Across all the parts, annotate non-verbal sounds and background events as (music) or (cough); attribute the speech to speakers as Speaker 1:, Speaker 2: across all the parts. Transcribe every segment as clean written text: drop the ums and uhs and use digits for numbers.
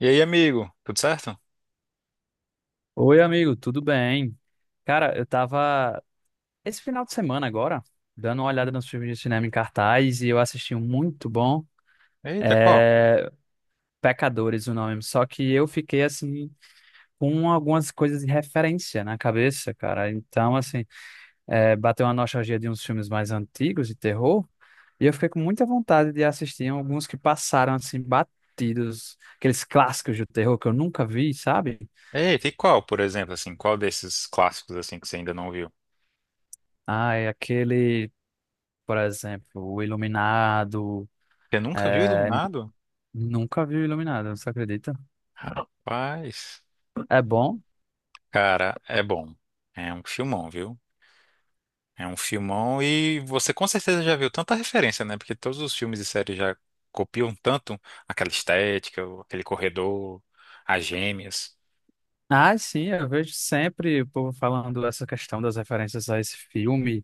Speaker 1: E aí, amigo, tudo certo?
Speaker 2: Oi, amigo, tudo bem? Cara, eu tava esse final de semana agora, dando uma olhada
Speaker 1: Hum.
Speaker 2: nos filmes de cinema em cartaz e eu assisti um muito bom,
Speaker 1: Eita, qual?
Speaker 2: é... Pecadores, o nome. Só que eu fiquei assim com algumas coisas de referência na cabeça, cara. Então, assim, bateu uma nostalgia de uns filmes mais antigos de terror e eu fiquei com muita vontade de assistir alguns que passaram assim batidos, aqueles clássicos do terror que eu nunca vi, sabe?
Speaker 1: Eita, e qual, por exemplo, assim, qual desses clássicos, assim, que você ainda não viu?
Speaker 2: Ah, é aquele. Por exemplo, o Iluminado.
Speaker 1: Você nunca viu
Speaker 2: É,
Speaker 1: Iluminado?
Speaker 2: nunca vi o Iluminado, você acredita?
Speaker 1: Paz.
Speaker 2: É bom?
Speaker 1: Cara, é bom. É um filmão, viu? É um filmão, e você com certeza já viu tanta referência, né? Porque todos os filmes e séries já copiam tanto aquela estética, aquele corredor, as gêmeas.
Speaker 2: Ah, sim, eu vejo sempre o povo falando dessa questão das referências a esse filme,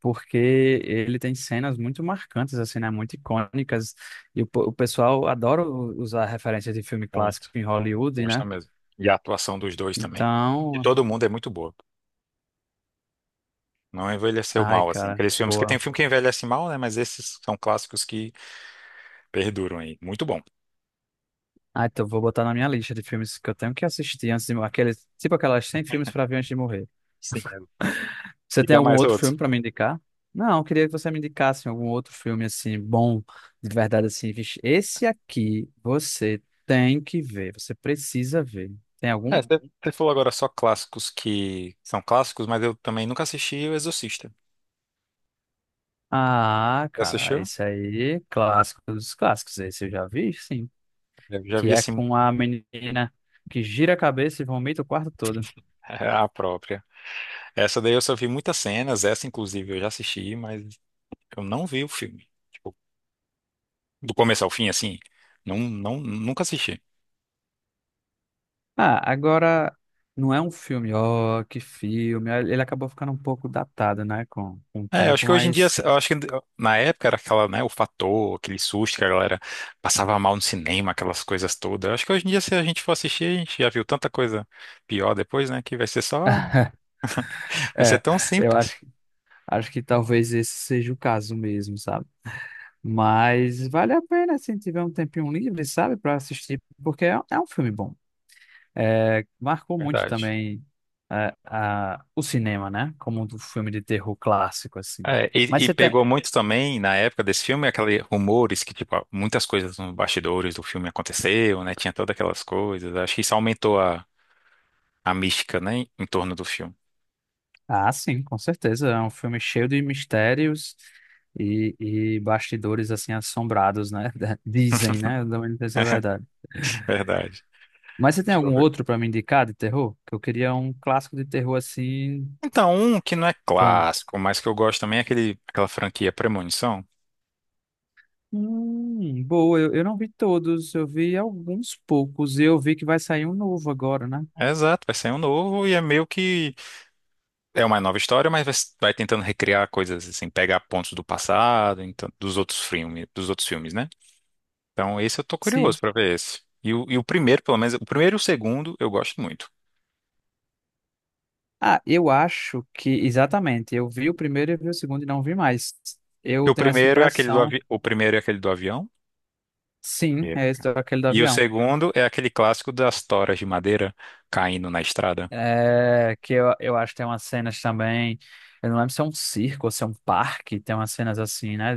Speaker 2: porque ele tem cenas muito marcantes, assim, né? Muito icônicas. O pessoal adora usar referências de filme clássico
Speaker 1: Muito.
Speaker 2: em Hollywood, né?
Speaker 1: Gosto mesmo. E a atuação dos dois também. De
Speaker 2: Então,
Speaker 1: todo mundo é muito boa. Não envelheceu
Speaker 2: ai,
Speaker 1: mal, assim.
Speaker 2: cara,
Speaker 1: Aqueles filmes que tem
Speaker 2: boa.
Speaker 1: filme que envelhece mal, né? Mas esses são clássicos que perduram aí. Muito bom.
Speaker 2: Ah, então vou botar na minha lista de filmes que eu tenho que assistir antes de morrer. Aqueles, tipo aquelas 100 filmes para ver antes de morrer.
Speaker 1: Sim, é.
Speaker 2: Você tem
Speaker 1: Diga
Speaker 2: algum
Speaker 1: mais
Speaker 2: outro
Speaker 1: outros.
Speaker 2: filme pra me indicar? Não, eu queria que você me indicasse algum outro filme assim bom, de verdade assim, vixe, esse aqui você tem que ver, você precisa ver. Tem algum?
Speaker 1: É, você falou agora só clássicos que são clássicos, mas eu também nunca assisti O Exorcista.
Speaker 2: Ah,
Speaker 1: Já
Speaker 2: cara,
Speaker 1: assistiu?
Speaker 2: esse aí, clássico dos clássicos, esse eu já vi, sim,
Speaker 1: Eu já
Speaker 2: que
Speaker 1: vi,
Speaker 2: é
Speaker 1: assim.
Speaker 2: com a menina que gira a cabeça e vomita o quarto todo.
Speaker 1: (laughs) A própria. Essa daí eu só vi muitas cenas, essa inclusive eu já assisti, mas eu não vi o filme. Tipo, do começo ao fim, assim, não, nunca assisti.
Speaker 2: Ah, agora não é um filme, ó, que filme. Ele acabou ficando um pouco datado, né, com o
Speaker 1: É, eu acho
Speaker 2: tempo,
Speaker 1: que hoje em dia,
Speaker 2: mas
Speaker 1: eu acho que na época era aquela, né, o fator, aquele susto que a galera passava mal no cinema, aquelas coisas todas. Eu acho que hoje em dia, se a gente for assistir, a gente já viu tanta coisa pior depois, né, que vai ser só,
Speaker 2: (laughs)
Speaker 1: vai ser
Speaker 2: é,
Speaker 1: tão
Speaker 2: eu acho
Speaker 1: simples.
Speaker 2: Acho que talvez esse seja o caso mesmo, sabe? Mas vale a pena, se tiver um tempinho livre, sabe, para assistir, porque é um filme bom. É, marcou muito
Speaker 1: Verdade.
Speaker 2: também o cinema, né? Como um filme de terror clássico, assim.
Speaker 1: É,
Speaker 2: Mas
Speaker 1: e
Speaker 2: você tem.
Speaker 1: pegou muito também, na época desse filme, aqueles rumores que, tipo, muitas coisas nos bastidores do filme aconteceu, né, tinha todas aquelas coisas. Acho que isso aumentou a mística, né, em torno do filme.
Speaker 2: Ah, sim, com certeza. É um filme cheio de mistérios e bastidores, assim, assombrados, né? (laughs) Dizem,
Speaker 1: (laughs)
Speaker 2: né? Eu também não sei se é verdade.
Speaker 1: Verdade.
Speaker 2: Mas você tem algum outro para me indicar de terror? Que eu queria um clássico de terror, assim.
Speaker 1: Então, um que não é
Speaker 2: Bom.
Speaker 1: clássico, mas que eu gosto também é aquele, aquela franquia Premonição.
Speaker 2: Boa, eu não vi todos, eu vi alguns poucos e eu vi que vai sair um novo agora, né?
Speaker 1: É, exato, vai ser um novo e é meio que é uma nova história, mas vai, vai tentando recriar coisas assim, pegar pontos do passado, então, dos outros filmes, né? Então, esse eu tô
Speaker 2: Sim.
Speaker 1: curioso pra ver esse. E o primeiro, pelo menos, o primeiro e o segundo eu gosto muito.
Speaker 2: Ah, eu acho que, exatamente, eu vi o primeiro e vi o segundo e não vi mais.
Speaker 1: E
Speaker 2: Eu
Speaker 1: o
Speaker 2: tenho essa
Speaker 1: primeiro é aquele do
Speaker 2: impressão,
Speaker 1: o primeiro é aquele do avião.
Speaker 2: sim,
Speaker 1: É.
Speaker 2: é esse, aquele do
Speaker 1: E o
Speaker 2: avião.
Speaker 1: segundo é aquele clássico das toras de madeira caindo na estrada.
Speaker 2: É, que eu acho que tem umas cenas também, eu não lembro se é um circo ou se é um parque, tem umas cenas assim, né,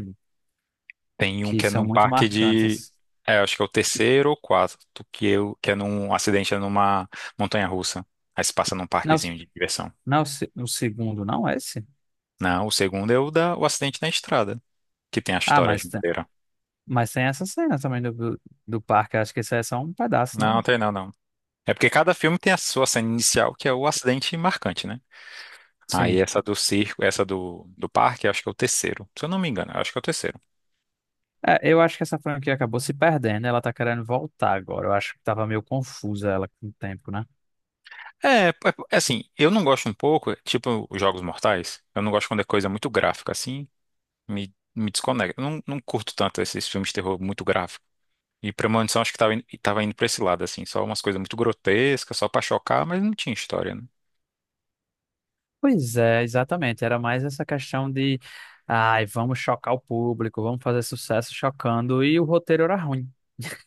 Speaker 1: Tem um
Speaker 2: que
Speaker 1: que é
Speaker 2: são
Speaker 1: num
Speaker 2: muito
Speaker 1: parque de.
Speaker 2: marcantes.
Speaker 1: É, acho que é o terceiro ou quarto, que eu que é num acidente, é numa montanha-russa. Aí se passa num
Speaker 2: Não,
Speaker 1: parquezinho de diversão.
Speaker 2: não, é o segundo, não é esse?
Speaker 1: Não, o segundo é o da o acidente na estrada, que tem a
Speaker 2: Ah,
Speaker 1: história de
Speaker 2: mas tem.
Speaker 1: madeira.
Speaker 2: Mas tem essa cena também do parque. Acho que isso é só um pedaço,
Speaker 1: Não,
Speaker 2: não?
Speaker 1: tem não, não. É porque cada filme tem a sua cena inicial, que é o acidente marcante, né? Aí
Speaker 2: Sim.
Speaker 1: essa do circo, essa do, do parque, acho que é o terceiro. Se eu não me engano, acho que é o terceiro.
Speaker 2: É, eu acho que essa franquia acabou se perdendo. Ela tá querendo voltar agora. Eu acho que tava meio confusa ela com o tempo, né?
Speaker 1: É, é, é assim, eu não gosto um pouco, tipo os Jogos Mortais, eu não gosto quando é coisa muito gráfica, assim. Me desconecta. Eu não, não curto tanto esses filmes de terror muito gráfico. E Premonição acho que tava, tava indo pra esse lado, assim. Só umas coisas muito grotescas, só pra chocar, mas não tinha história, né?
Speaker 2: Pois é, exatamente. Era mais essa questão de, ai, vamos chocar o público, vamos fazer sucesso chocando. E o roteiro era ruim.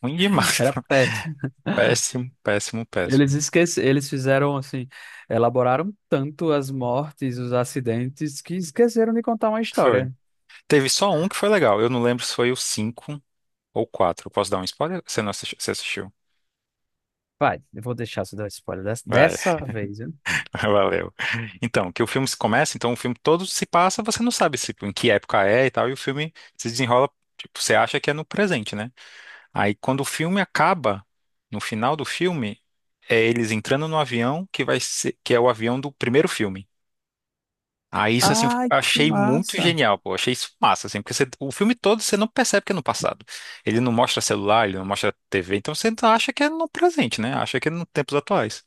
Speaker 1: Ruim
Speaker 2: (laughs)
Speaker 1: demais.
Speaker 2: Era
Speaker 1: (laughs)
Speaker 2: péssimo.
Speaker 1: Péssimo, péssimo,
Speaker 2: Eles
Speaker 1: péssimo.
Speaker 2: esquece, eles fizeram assim, elaboraram tanto as mortes, os acidentes, que esqueceram de contar uma
Speaker 1: Foi.
Speaker 2: história.
Speaker 1: Teve só um que foi legal. Eu não lembro se foi o 5 ou o quatro. Posso dar um spoiler? Você não assistiu? Você assistiu?
Speaker 2: Vai, eu vou deixar você dar spoiler dessa,
Speaker 1: Vai,
Speaker 2: dessa vez, viu?
Speaker 1: (laughs) valeu. Então, que o filme se começa, então o filme todo se passa, você não sabe se, em que época é e tal, e o filme se desenrola, tipo, você acha que é no presente, né? Aí quando o filme acaba, no final do filme, é eles entrando no avião que vai ser, que é o avião do primeiro filme. Aí isso assim, eu
Speaker 2: Ai, que
Speaker 1: achei muito
Speaker 2: massa.
Speaker 1: genial, pô, achei isso massa, assim, porque você- o filme todo você não percebe que é no passado. Ele não mostra celular, ele não mostra TV, então você acha que é no presente, né? Acha que é nos tempos atuais.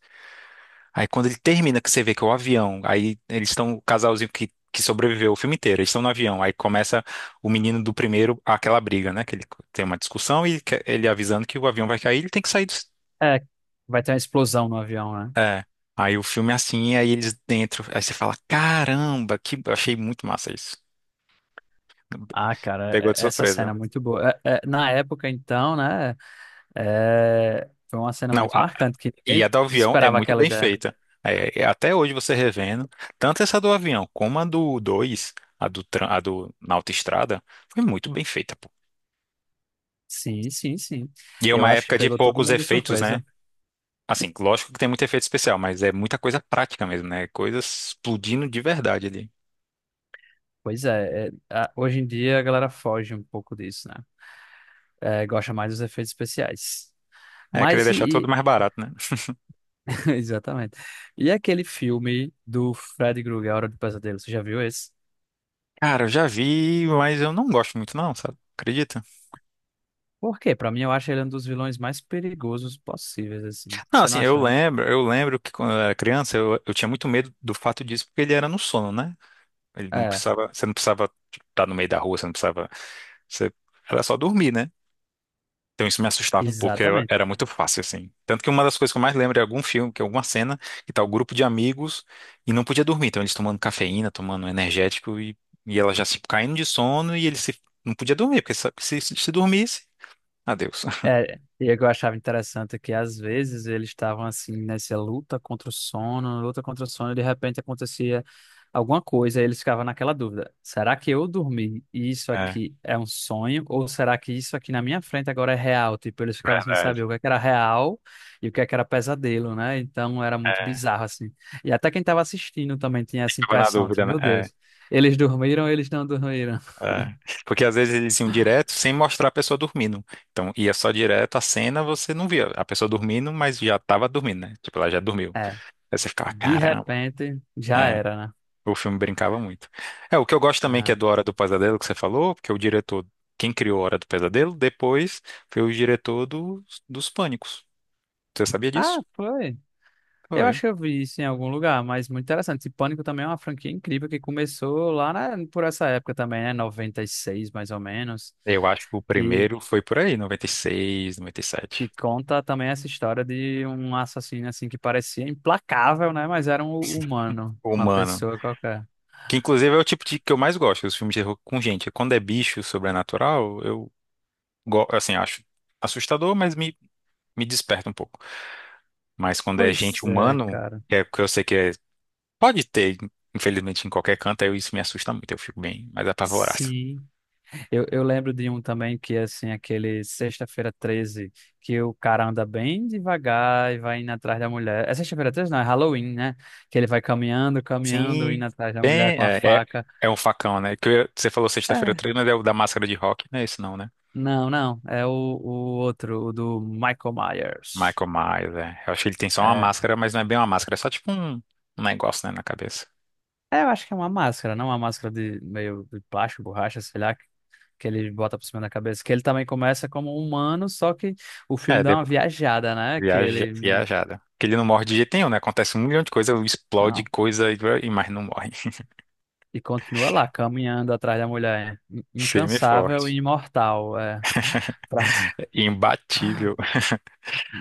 Speaker 1: Aí quando ele termina, que você vê que é o avião, aí eles estão, o casalzinho que sobreviveu o filme inteiro, eles estão no avião, aí começa o menino do primeiro, aquela briga, né? Que ele tem uma discussão e ele avisando que o avião vai cair, ele tem que sair do...
Speaker 2: É, vai ter uma explosão no avião, né?
Speaker 1: É. Aí o filme é assim, aí eles dentro, aí você fala, caramba, que achei muito massa isso.
Speaker 2: Ah, cara,
Speaker 1: Pegou de
Speaker 2: essa cena
Speaker 1: surpresa.
Speaker 2: é muito boa. Na época, então, né? Foi uma cena
Speaker 1: Não,
Speaker 2: muito marcante, que
Speaker 1: e
Speaker 2: ninguém
Speaker 1: a do avião é
Speaker 2: esperava
Speaker 1: muito
Speaker 2: aquela
Speaker 1: bem
Speaker 2: ideia.
Speaker 1: feita. É, é, até hoje você revendo, tanto essa do avião como a do 2, a do, a do na autoestrada, foi muito bem feita.
Speaker 2: Sim, sim, sim.
Speaker 1: E é
Speaker 2: Eu
Speaker 1: uma
Speaker 2: acho que
Speaker 1: época de
Speaker 2: pegou todo
Speaker 1: poucos
Speaker 2: mundo de
Speaker 1: efeitos, né?
Speaker 2: surpresa.
Speaker 1: Assim, lógico que tem muito efeito especial, mas é muita coisa prática mesmo, né? Coisas explodindo de verdade ali.
Speaker 2: Pois é, hoje em dia a galera foge um pouco disso, né? É, gosta mais dos efeitos especiais.
Speaker 1: É, querer
Speaker 2: Mas
Speaker 1: deixar
Speaker 2: e,
Speaker 1: tudo
Speaker 2: e-
Speaker 1: mais barato, né?
Speaker 2: (laughs) Exatamente. E aquele filme do Fred Krueger, A Hora do Pesadelo, você já viu esse?
Speaker 1: Cara, eu já vi, mas eu não gosto muito não, sabe? Acredita?
Speaker 2: Por quê? Pra mim, eu acho ele um dos vilões mais perigosos possíveis, assim.
Speaker 1: Não,
Speaker 2: Você não
Speaker 1: assim,
Speaker 2: acha, não?
Speaker 1: eu lembro que quando eu era criança, eu tinha muito medo do fato disso, porque ele era no sono, né? Ele não
Speaker 2: É,
Speaker 1: precisava, você não precisava, tipo, estar no meio da rua, você não precisava, você era só dormir, né? Então isso me assustava um pouco,
Speaker 2: exatamente.
Speaker 1: era muito fácil, assim. Tanto que uma das coisas que eu mais lembro é algum filme, que é alguma cena, que tá o grupo de amigos e não podia dormir. Então eles tomando cafeína, tomando energético e ela já se caindo de sono e ele se, não podia dormir, porque sabe que se dormisse, adeus. (laughs)
Speaker 2: É, e o que eu achava interessante é que às vezes eles estavam assim nessa luta contra o sono, luta contra o sono, e de repente acontecia alguma coisa, e eles ficavam naquela dúvida: será que eu dormi e isso
Speaker 1: É,
Speaker 2: aqui é um sonho, ou será que isso aqui na minha frente agora é real? Tipo, eles ficavam sem
Speaker 1: verdade.
Speaker 2: saber o que é que era real e o que é que era pesadelo, né? Então era muito
Speaker 1: É,
Speaker 2: bizarro assim. E até quem estava assistindo também tinha essa
Speaker 1: ficava na
Speaker 2: impressão de,
Speaker 1: dúvida, né?
Speaker 2: meu
Speaker 1: É,
Speaker 2: Deus, eles dormiram, eles não dormiram.
Speaker 1: é. Porque às vezes eles iam direto sem mostrar a pessoa dormindo. Então ia só direto a cena, você não via a pessoa dormindo, mas já tava dormindo, né? Tipo, ela já dormiu.
Speaker 2: É,
Speaker 1: Aí você ficava,
Speaker 2: de
Speaker 1: caramba.
Speaker 2: repente já
Speaker 1: É.
Speaker 2: era, né?
Speaker 1: O filme brincava muito. É, o que eu gosto também que é
Speaker 2: Ah.
Speaker 1: do Hora do Pesadelo que você falou, porque o diretor, quem criou Hora do Pesadelo, depois foi o diretor dos Pânicos. Você sabia disso?
Speaker 2: Ah, foi. Eu acho
Speaker 1: Foi.
Speaker 2: que eu vi isso em algum lugar, mas muito interessante. E Pânico também é uma franquia incrível que começou lá por essa época também, né? 96 mais ou menos,
Speaker 1: Eu acho que o
Speaker 2: que,
Speaker 1: primeiro foi por aí, 96, 97.
Speaker 2: que conta também essa história de um assassino assim que parecia implacável, né? Mas era um humano, uma
Speaker 1: Humano.
Speaker 2: pessoa qualquer.
Speaker 1: Que inclusive é o tipo de que eu mais gosto, os filmes de terror com gente. Quando é bicho sobrenatural, eu assim, acho assustador, mas me desperta um pouco. Mas quando é gente
Speaker 2: Pois é,
Speaker 1: humano,
Speaker 2: cara.
Speaker 1: que é porque eu sei que é pode ter, infelizmente, em qualquer canto. Eu isso me assusta muito, eu fico bem mais apavorado.
Speaker 2: Sim. Eu lembro de um também que é assim, aquele Sexta-feira 13 que o cara anda bem devagar e vai indo atrás da mulher. É Sexta-feira treze. Não, é Halloween, né? Que ele vai caminhando, caminhando,
Speaker 1: Sim,
Speaker 2: indo atrás da mulher
Speaker 1: bem,
Speaker 2: com a
Speaker 1: é, é,
Speaker 2: faca.
Speaker 1: é um facão, né? Que eu- você falou sexta-feira
Speaker 2: É,
Speaker 1: 13, mas é o da máscara de rock, não é esse não, né?
Speaker 2: não, não. É o outro, o do Michael Myers.
Speaker 1: Michael Myers, é. Eu acho que ele tem só uma
Speaker 2: É.
Speaker 1: máscara, mas não é bem uma máscara, é só tipo um, um negócio, né, na cabeça.
Speaker 2: É, eu acho que é uma máscara, não uma máscara de meio de plástico, borracha, sei lá, que ele bota por cima da cabeça. Que ele também começa como um humano, só que o filme
Speaker 1: É,
Speaker 2: dá uma
Speaker 1: depois,
Speaker 2: viajada, né? Que
Speaker 1: viaja,
Speaker 2: ele.
Speaker 1: viajada. Porque ele não morre de jeito nenhum, né? Acontece um milhão de coisas, explode
Speaker 2: Não.
Speaker 1: coisa, e mas não morre. (laughs)
Speaker 2: E continua lá, caminhando atrás da mulher. In-
Speaker 1: Firme e
Speaker 2: Incansável
Speaker 1: forte.
Speaker 2: e imortal. É. Pra-
Speaker 1: É, imbatível.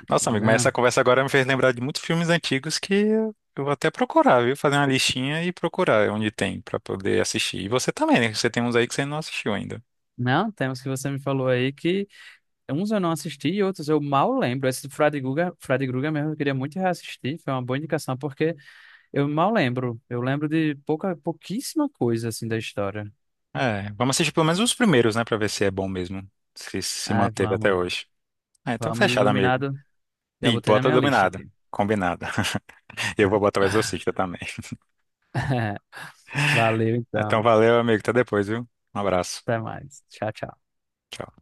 Speaker 1: Nossa, amigo, mas essa
Speaker 2: Não.
Speaker 1: conversa agora me fez lembrar de muitos filmes antigos que eu vou até procurar, viu? Fazer uma listinha e procurar onde tem pra poder assistir. E você também, né? Você tem uns aí que você não assistiu ainda.
Speaker 2: Não, tem que você me falou aí que uns eu não assisti e outros eu mal lembro. Esse do Fred Guga, Fred Guga mesmo eu queria muito reassistir, foi uma boa indicação, porque eu mal lembro. Eu lembro de pouca, pouquíssima coisa assim da história.
Speaker 1: É, vamos assistir pelo menos os primeiros, né? Pra ver se é bom mesmo. Se se
Speaker 2: Ai,
Speaker 1: manteve até
Speaker 2: vamos,
Speaker 1: hoje. Ah, então
Speaker 2: vamos,
Speaker 1: fechado, amigo.
Speaker 2: Iluminado. Já
Speaker 1: E
Speaker 2: botei na
Speaker 1: bota
Speaker 2: minha lista
Speaker 1: dominado.
Speaker 2: aqui.
Speaker 1: Combinado. (laughs) Eu vou botar o Exorcista também.
Speaker 2: (laughs) Valeu
Speaker 1: Então
Speaker 2: então.
Speaker 1: valeu, amigo. Até depois, viu? Um abraço.
Speaker 2: Até mais. Tchau, tchau.
Speaker 1: Tchau.